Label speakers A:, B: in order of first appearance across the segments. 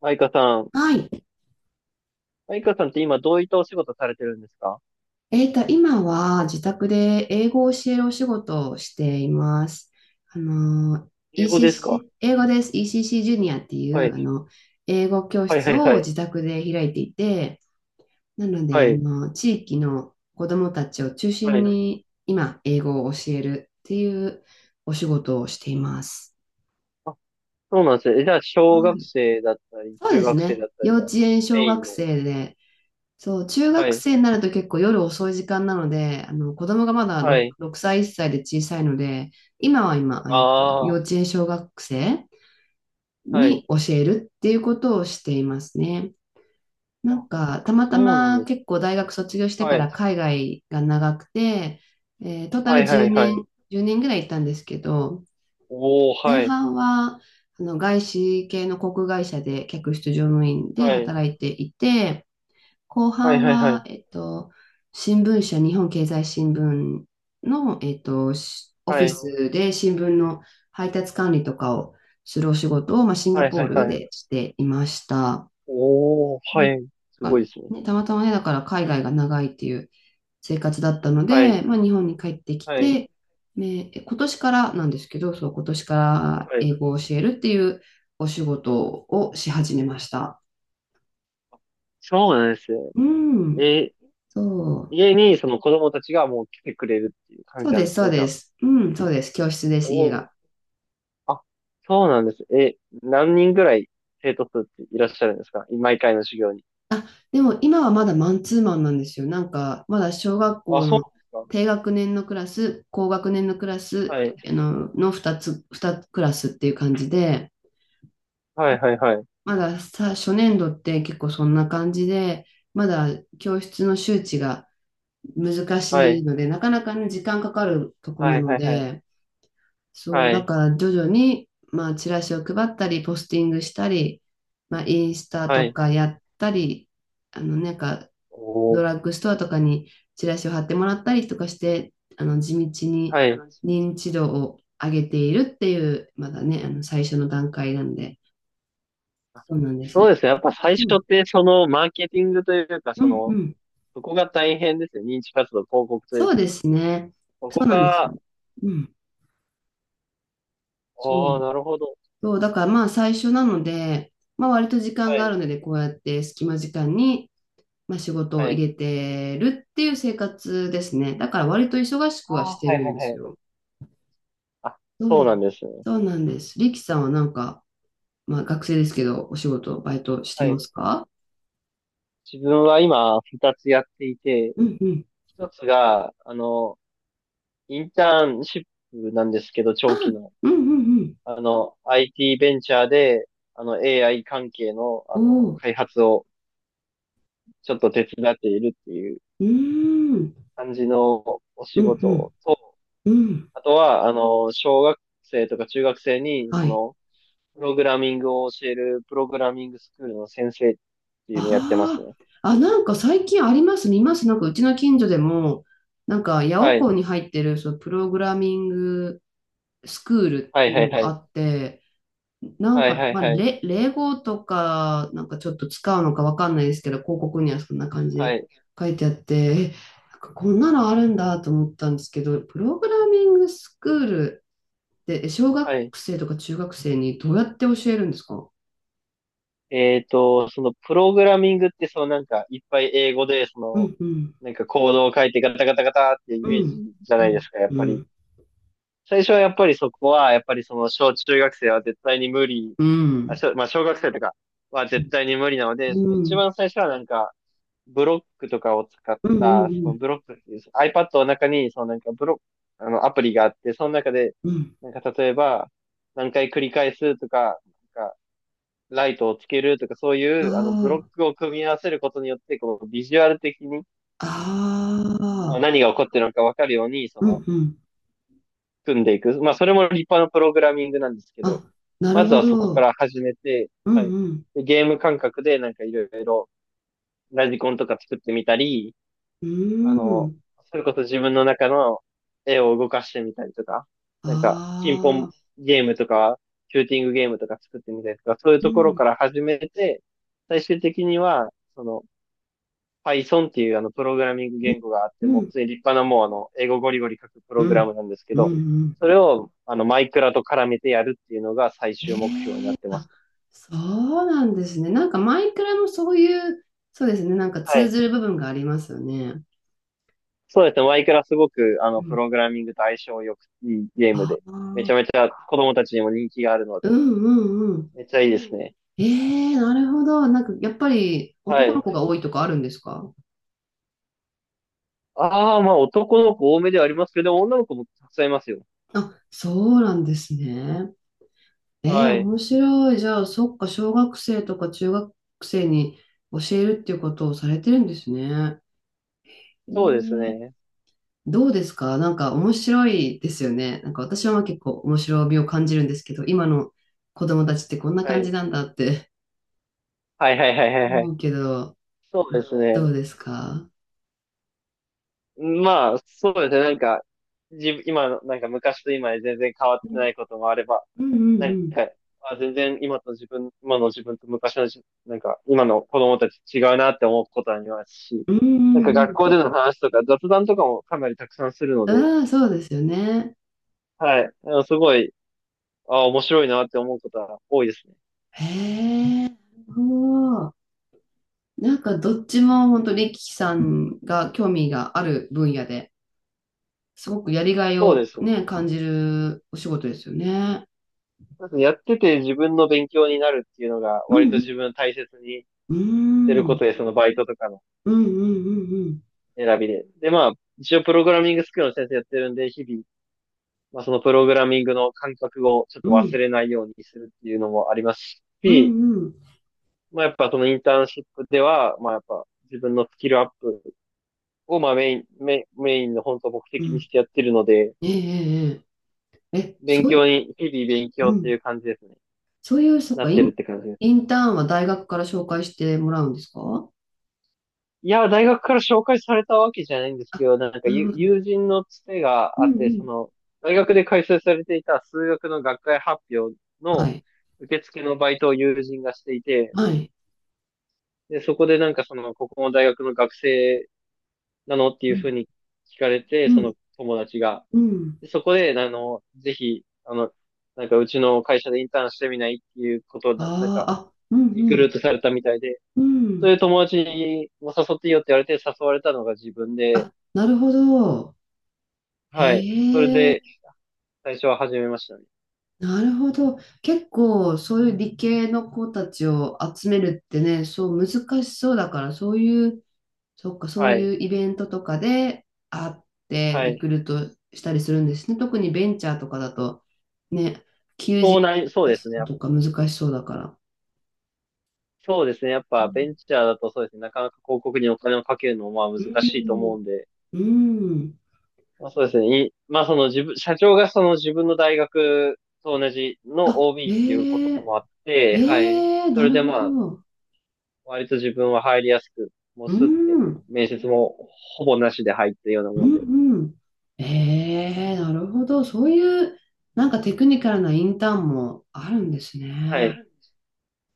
A: マイカさん。
B: はい。
A: マイカさんって今どういったお仕事されてるんですか？
B: 今は自宅で英語を教えるお仕事をしています。あの、
A: 英語ですか？
B: ECC、英語です。ECC ジュニアってい
A: は
B: う、
A: い。
B: 英語教
A: はいは
B: 室
A: いは
B: を
A: い。
B: 自宅で開いていて、なの
A: は
B: で、
A: い。
B: 地域の子どもたちを中
A: は
B: 心
A: い。
B: に今、英語を教えるっていうお仕事をしています。
A: あ、そうなんですね。じゃあ、小
B: は
A: 学
B: い。
A: 生だったり、
B: そう
A: 中
B: です
A: 学生
B: ね。
A: だった
B: 幼
A: りが
B: 稚園、小
A: メイン
B: 学
A: の。
B: 生で、そう、中
A: は
B: 学
A: い。
B: 生になると結構夜遅い時間なので、あの子供がまだ
A: はい。
B: 6歳、1歳で小さいので、今は
A: あ
B: 幼
A: あ、
B: 稚園小学生
A: はい。
B: に教えるっていうことをしていますね。な
A: あ、
B: んか、たまた
A: そうなん
B: ま
A: です
B: 結
A: ね。
B: 構大学卒業してか
A: はい。
B: ら海外が長くて、トータ
A: は
B: ル
A: いは
B: 10
A: いは
B: 年、
A: い。
B: 1年ぐらい行ったんですけど、
A: おー、
B: 前
A: はい。
B: 半はあの外資系の航空会社で客室乗務員で
A: はい。
B: 働いていて、後
A: はい
B: 半
A: はいは
B: は、
A: い。
B: 新聞社、日本経済新聞の、しオフ
A: は
B: ィ
A: い。
B: スで新聞の配達管理とかをするお仕事を、まあ、シンガ
A: はい
B: ポ
A: は
B: ー
A: い
B: ル
A: は
B: で
A: い。
B: していました。
A: おー、
B: う
A: は
B: ん。
A: い。す
B: あ
A: ごいですね。
B: ね、たまたまね、だから海外が長いっていう生活だったの
A: は
B: で、
A: い。
B: まあ、日本に帰ってき
A: はい。
B: て、ね、え今年からなんですけど、そう、今年から
A: はい。
B: 英語を教えるっていうお仕事をし始めました。
A: そうなんですよ。
B: うん、
A: え
B: そう。
A: 家にその子供たちがもう来てくれるっていう感
B: そ
A: じ
B: う
A: な
B: で
A: ん
B: す、
A: です
B: そう
A: ね、じゃ
B: で
A: あ。
B: す。うん、そうです。教室です、家
A: おお。
B: が。
A: あ、そうなんです。何人ぐらい生徒数っていらっしゃるんですか毎回の授業に？
B: あ、でも今はまだマンツーマンなんですよ。なんか、まだ小学
A: あ、
B: 校
A: そう
B: の
A: なんです
B: 低学年のクラス、高学年のクラ
A: か。
B: ス、
A: はい。
B: あの、の2つ、2クラスっていう感じで、
A: はいはいはい。
B: まださ、初年度って結構そんな感じで、まだ教室の周知が難
A: は
B: しい
A: い。
B: ので、なかなかね、時間かかるとこ
A: は
B: な
A: い
B: の
A: はいはい。
B: で、そう、
A: は
B: だ
A: い。
B: から徐々に、まあ、チラシを配ったり、ポスティングしたり、まあ、インスタ
A: は
B: と
A: い。は
B: か
A: い。
B: やったり、あの、なんか、
A: おお。
B: ドラッグストアとかにチラシを貼ってもらったりとかして、あの、地道に
A: はい。
B: 認知度を上げているっていう、まだね、あの、最初の段階なんで、
A: あ、
B: そうなんで
A: そう
B: す。
A: ですね。やっぱ最
B: う
A: 初
B: ん、
A: ってそのマーケティングというか、
B: う
A: そ
B: ん、う
A: の、
B: ん。
A: そこが大変ですよ。認知活動、広告という
B: そう
A: か。
B: ですね。
A: そこ
B: そうなんですよ。
A: が、
B: うん。そ
A: おお、
B: う。
A: なるほど。
B: そう、だからまあ、最初なので、まあ、割と時間
A: は
B: があ
A: い。
B: るので、こうやって隙間時間に、まあ、仕事
A: は
B: を
A: い。
B: 入れてるっていう生活ですね。だから割と忙しく
A: あ
B: は
A: あ、
B: して
A: はい
B: る
A: は
B: ん
A: い
B: です
A: はい。
B: よ。
A: あ、そ
B: う
A: うなん
B: ん。
A: ですね。
B: そうなんです。リキさんはなんか、まあ、学生ですけど、お仕事、バイトして
A: は
B: ま
A: い。
B: すか？
A: 自分は今、二つやっていて、
B: うんうん。
A: 一つが、インターンシップなんですけど、
B: あ、
A: 長期の。
B: うんうん
A: IT ベンチャーで、AI 関係の、
B: うん。おお。
A: 開発をちょっと手伝っているっていう
B: うーん。
A: 感じのお
B: う
A: 仕
B: んう
A: 事
B: ん
A: と、
B: うん。
A: あとは、小学生とか中学生に、
B: はい。
A: プログラミングを教える、プログラミングスクールの先生っていうのをやってます
B: あ
A: ね。
B: あ。あ、なんか最近あります、見ます。なんかうちの近所でも、なんか八
A: は
B: 百
A: い。
B: 校に入ってる、そう、プログラミングスクールっ
A: は
B: て
A: い
B: いう
A: は
B: の
A: いは
B: があ
A: い。
B: って、なん
A: はい
B: か、
A: はいはい。
B: 霊語とか、なんかちょっと使うのかわかんないですけど、広告にはそんな感じ
A: は
B: で
A: い。
B: 書いてあって、え、なんかこんなのあるんだと思ったんですけど、プログラミングスクールで小学
A: はい。
B: 生とか中学生にどうやって教えるんですか？
A: そのプログラミングってそのなんかいっぱい英語でそ
B: う
A: の
B: んうん、
A: なんかコードを書いてガタガタガタってイ
B: う
A: メージ
B: ん、
A: じゃ
B: う
A: ないで
B: ん、
A: すか、やっ
B: う
A: ぱり。
B: ん、
A: 最初はやっぱりそこはやっぱりその小中学生は絶対に無理、
B: うん、
A: まあ小学生とかは
B: う
A: 絶
B: ん、
A: 対に無理なので、その
B: う
A: 一
B: ん、
A: 番最初はなんかブロックとかを使っ
B: う
A: た、その
B: ん、
A: ブロックっていう、iPad の中にそのなんかブロック、あのアプリがあって、その中で
B: うん。
A: なんか例えば何回繰り返すとか、なんかライトをつけるとか、そうい
B: あ
A: う、ブロックを組み合わせることによって、こう、ビジュアル的に
B: あ、
A: まあ
B: ああ、
A: 何が起こってるのかわかるように、
B: うん、うん。
A: 組んでいく。まあ、それも立派なプログラミングなんですけど、
B: あ、な
A: ま
B: る
A: ず
B: ほ
A: はそこか
B: ど。
A: ら始めて、
B: う
A: は
B: ん、
A: い。
B: うん、
A: でゲーム感覚で、なんかいろいろ、ラジコンとか作ってみたり、
B: う
A: あの、
B: ん。
A: それこそ自分の中の絵を動かしてみたりとか、
B: あ
A: なんか、ピンポン
B: あ、
A: ゲームとか、シューティングゲームとか作ってみたりとか、そういう
B: う
A: ところか
B: ん、
A: ら始めて、最終的には、その、Python っていうあのプログラミング
B: うん、
A: 言語があって、
B: う
A: もう普
B: ん、
A: 通に立派なもう英語ゴリゴリ書くプ
B: う
A: ログラ
B: ん、
A: ムなんですけ
B: うん、
A: ど、
B: うん。
A: それをあのマイクラと絡めてやるっていうのが最終目標になってま
B: あ、
A: す。
B: そうなんですね。なんかマイクラもそういう、そうですね、なんか
A: は
B: 通
A: い。
B: ずる部分がありますよね。
A: そうですね。マイクラすごくあ
B: う
A: のプ
B: ん。
A: ログラミングと相性良くいいゲーム
B: あ
A: で、めち
B: あ、
A: ゃめちゃ子供たちにも人気があるので、
B: うんうんうん。
A: めっちゃいいですね。
B: ええなるほど。なんかやっぱり
A: は
B: 男の
A: い。
B: 子が多いとかあるんですか？
A: ああ、まあ男の子多めではありますけど、女の子もたくさんいますよ。
B: あ、そうなんですね。えー、
A: はい。
B: 面白い。じゃあ、そっか、小学生とか中学生に教えるっていうことをされてるんですね。え
A: そうです
B: ー
A: ね。
B: どうですか？なんか面白いですよね。なんか私はまあ結構面白みを感じるんですけど、今の子供たちってこんな
A: は
B: 感
A: い。
B: じなんだって
A: はいはいはいはいは
B: 思
A: い。
B: うけど、
A: そうです
B: ど
A: ね。
B: うですか？
A: まあ、そうですね。なんか、自分、今の、なんか昔と今で全然変わっ
B: う
A: て
B: ん
A: ないこともあれば、
B: うん
A: な
B: う
A: ん
B: ん。
A: か、あ、全然今と自分、今の自分と昔の自分、なんか、今の子供たち違うなって思うことありますし、
B: う
A: なんか
B: んう
A: 学
B: ん
A: 校での話とか雑談とかもかなりたくさんするの
B: う
A: で、
B: ん。ああ、そうですよね。
A: はい。すごい、面白いなって思うことは多いですね。
B: へえ。おーなんかどっちも本当にリキさんが興味がある分野ですごくやりがい
A: そうで
B: を
A: すね。
B: ね、感じるお仕事ですよね。
A: そうです。やってて自分の勉強になるっていうのが
B: う
A: 割と
B: ん
A: 自分大切にし
B: う
A: てるこ
B: ん。
A: とで、そのバイトとかの
B: うんうんうんうん
A: 選びで。で、まあ、一応プログラミングスクールの先生やってるんで、日々、まあ、そのプログラミングの感覚をちょっと
B: うん。う
A: 忘
B: ん
A: れないようにするっていうのもあります
B: う
A: し、
B: んうん
A: まあ、やっぱそのインターンシップでは、まあ、やっぱ自分のスキルアップを、まあ、メインの本当目
B: う
A: 的にし
B: ん。
A: てやってるので、
B: えええええええ
A: 勉
B: そうい
A: 強に、日々勉
B: う、
A: 強
B: う
A: って
B: ん、
A: いう感じですね。
B: そういう、そっ
A: な
B: か、
A: ってるって感じです。
B: インターンは大学から紹介してもらうんですか？
A: いや、大学から紹介されたわけじゃないんですけ
B: あ、
A: ど、なんか
B: なる
A: 友
B: ほど。
A: 友人のつて
B: う
A: があ
B: ん
A: っ
B: う
A: て、
B: ん。
A: 大学で開催されていた数学の学会発表
B: は
A: の
B: い。
A: 受付のバイトを友人がしていて、
B: はい。
A: で、そこでなんかここの大学の学生なのってい
B: う
A: うふ
B: ん。
A: うに聞かれて、
B: う
A: そ
B: ん。
A: の友達が。
B: うん。
A: で、そこで、ぜひ、なんかうちの会社でインターンしてみないっていうことをなん
B: あ
A: か、
B: あ、あ、うん
A: リ
B: う
A: クルー
B: ん。
A: トされたみたいで、
B: う
A: そうい
B: ん。
A: う友達も誘っていいよって言われて誘われたのが自分で、
B: あ、なるほど。
A: はい。それ
B: へえ、
A: で、最初は始めましたね。
B: なるほど。結構、そういう理系の子たちを集めるってね、そう難しそうだから、そういうそっか、そう
A: は
B: い
A: い。
B: うイベントとかで会って
A: は
B: リ
A: い。
B: クルートしたりするんですね。特にベンチャーとかだと、ね、求人
A: そうなり、そう
B: 出
A: です
B: す
A: ね。
B: のとか難しそうだから。
A: そうですね。やっぱ、ベンチャーだとそうですね。なかなか広告にお金をかけるのも、まあ、
B: う
A: 難しいと思
B: ん
A: うんで。
B: うん、
A: まあ、そうですね。まあ、その自分、社長がその自分の大学と同じの
B: あ、
A: OB っていうこ
B: え
A: と
B: え
A: もあっ
B: え
A: て、はい。
B: え
A: そ
B: な
A: れ
B: る
A: で
B: ほ
A: まあ、
B: ど。
A: 割と自分は入りやすく、もう
B: う
A: すって、
B: ん、うん、
A: 面接もほぼなしで入ったような
B: う
A: もんで。
B: ん。ええなるほど。そういう、なんかテクニカルなインターンもあるんです
A: は
B: ね。
A: い。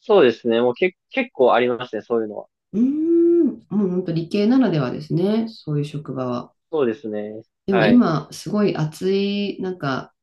A: そうですね。もうけ、結構ありますね。そういうのは。
B: うん、もう本当理系ならではですね。そういう職場は。
A: そうですね。
B: でも
A: はい。
B: 今、すごい熱い、なんか、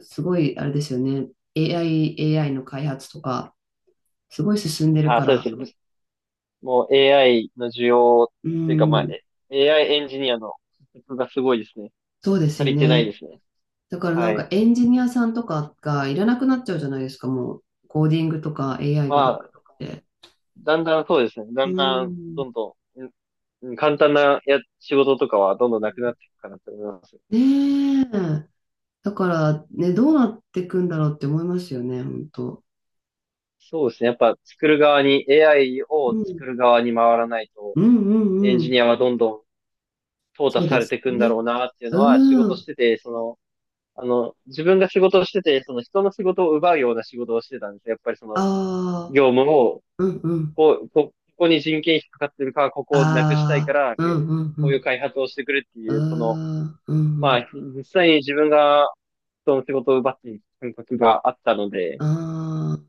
B: すごい、あれですよね。AI、AI の開発とか、すごい進んでる
A: あ、
B: か
A: そうで
B: ら。
A: すね。もう AI の需要
B: う
A: というか、まあ、
B: ん、
A: AI エンジニアの不足がすごいですね。
B: そうです
A: 足
B: よ
A: りてないで
B: ね。
A: すね。
B: だからなん
A: は
B: か
A: い。
B: エンジニアさんとかがいらなくなっちゃうじゃないですか、もう。コーディングとか AI
A: ま
B: ができ
A: あ、
B: て。
A: だんだんそうですね。だ
B: う
A: んだん、
B: ん。
A: どんどん、簡単な仕事とかはどんどんなくなっていくかなと思います。
B: ねえ。だからね、どうなっていくんだろうって思いますよね、本当。
A: そうですね。やっぱ作る側に、AI を
B: う
A: 作
B: ん。
A: る側に回らないと、
B: うんう
A: エ
B: ん
A: ン
B: う
A: ジ
B: ん。
A: ニアはどんどん淘汰
B: そう
A: さ
B: で
A: れ
B: す
A: ていくんだ
B: ね。
A: ろうなっていうのは、仕
B: う
A: 事し
B: ん。
A: てて、自分が仕事をしてて、その人の仕事を奪うような仕事をしてたんですよ。やっぱり
B: ああ、
A: 業務を
B: うんうん。
A: こう、ここに人件費かかってるから、ここをなくしたいか
B: ああ、
A: ら、
B: うんうんう
A: こういう
B: ん。
A: 開発をしてくれって
B: うー
A: いう、
B: ん、うんう
A: ま
B: ん。
A: あ、実際に自分が人の仕事を奪っている感覚があったので、
B: あー、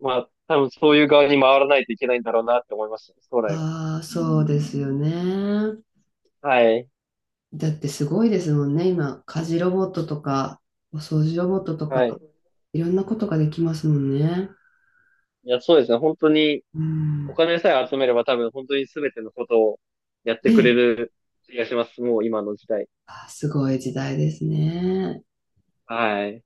A: まあ、多分そういう側に回らないといけないんだろうなって思いましたね、将来は。
B: あー、そうですよね。
A: はい。
B: だってすごいですもんね。今、家事ロボットとか、お掃除ロボットと
A: は
B: か、
A: い。
B: いろんなことができますもんね。
A: いや、そうですね。本当に、
B: うん。
A: お
B: ね
A: 金さえ集めれば多分本当に全てのことをやっ
B: え。
A: てくれる気がします。もう今の時代。
B: あー、すごい時代ですね。
A: はい。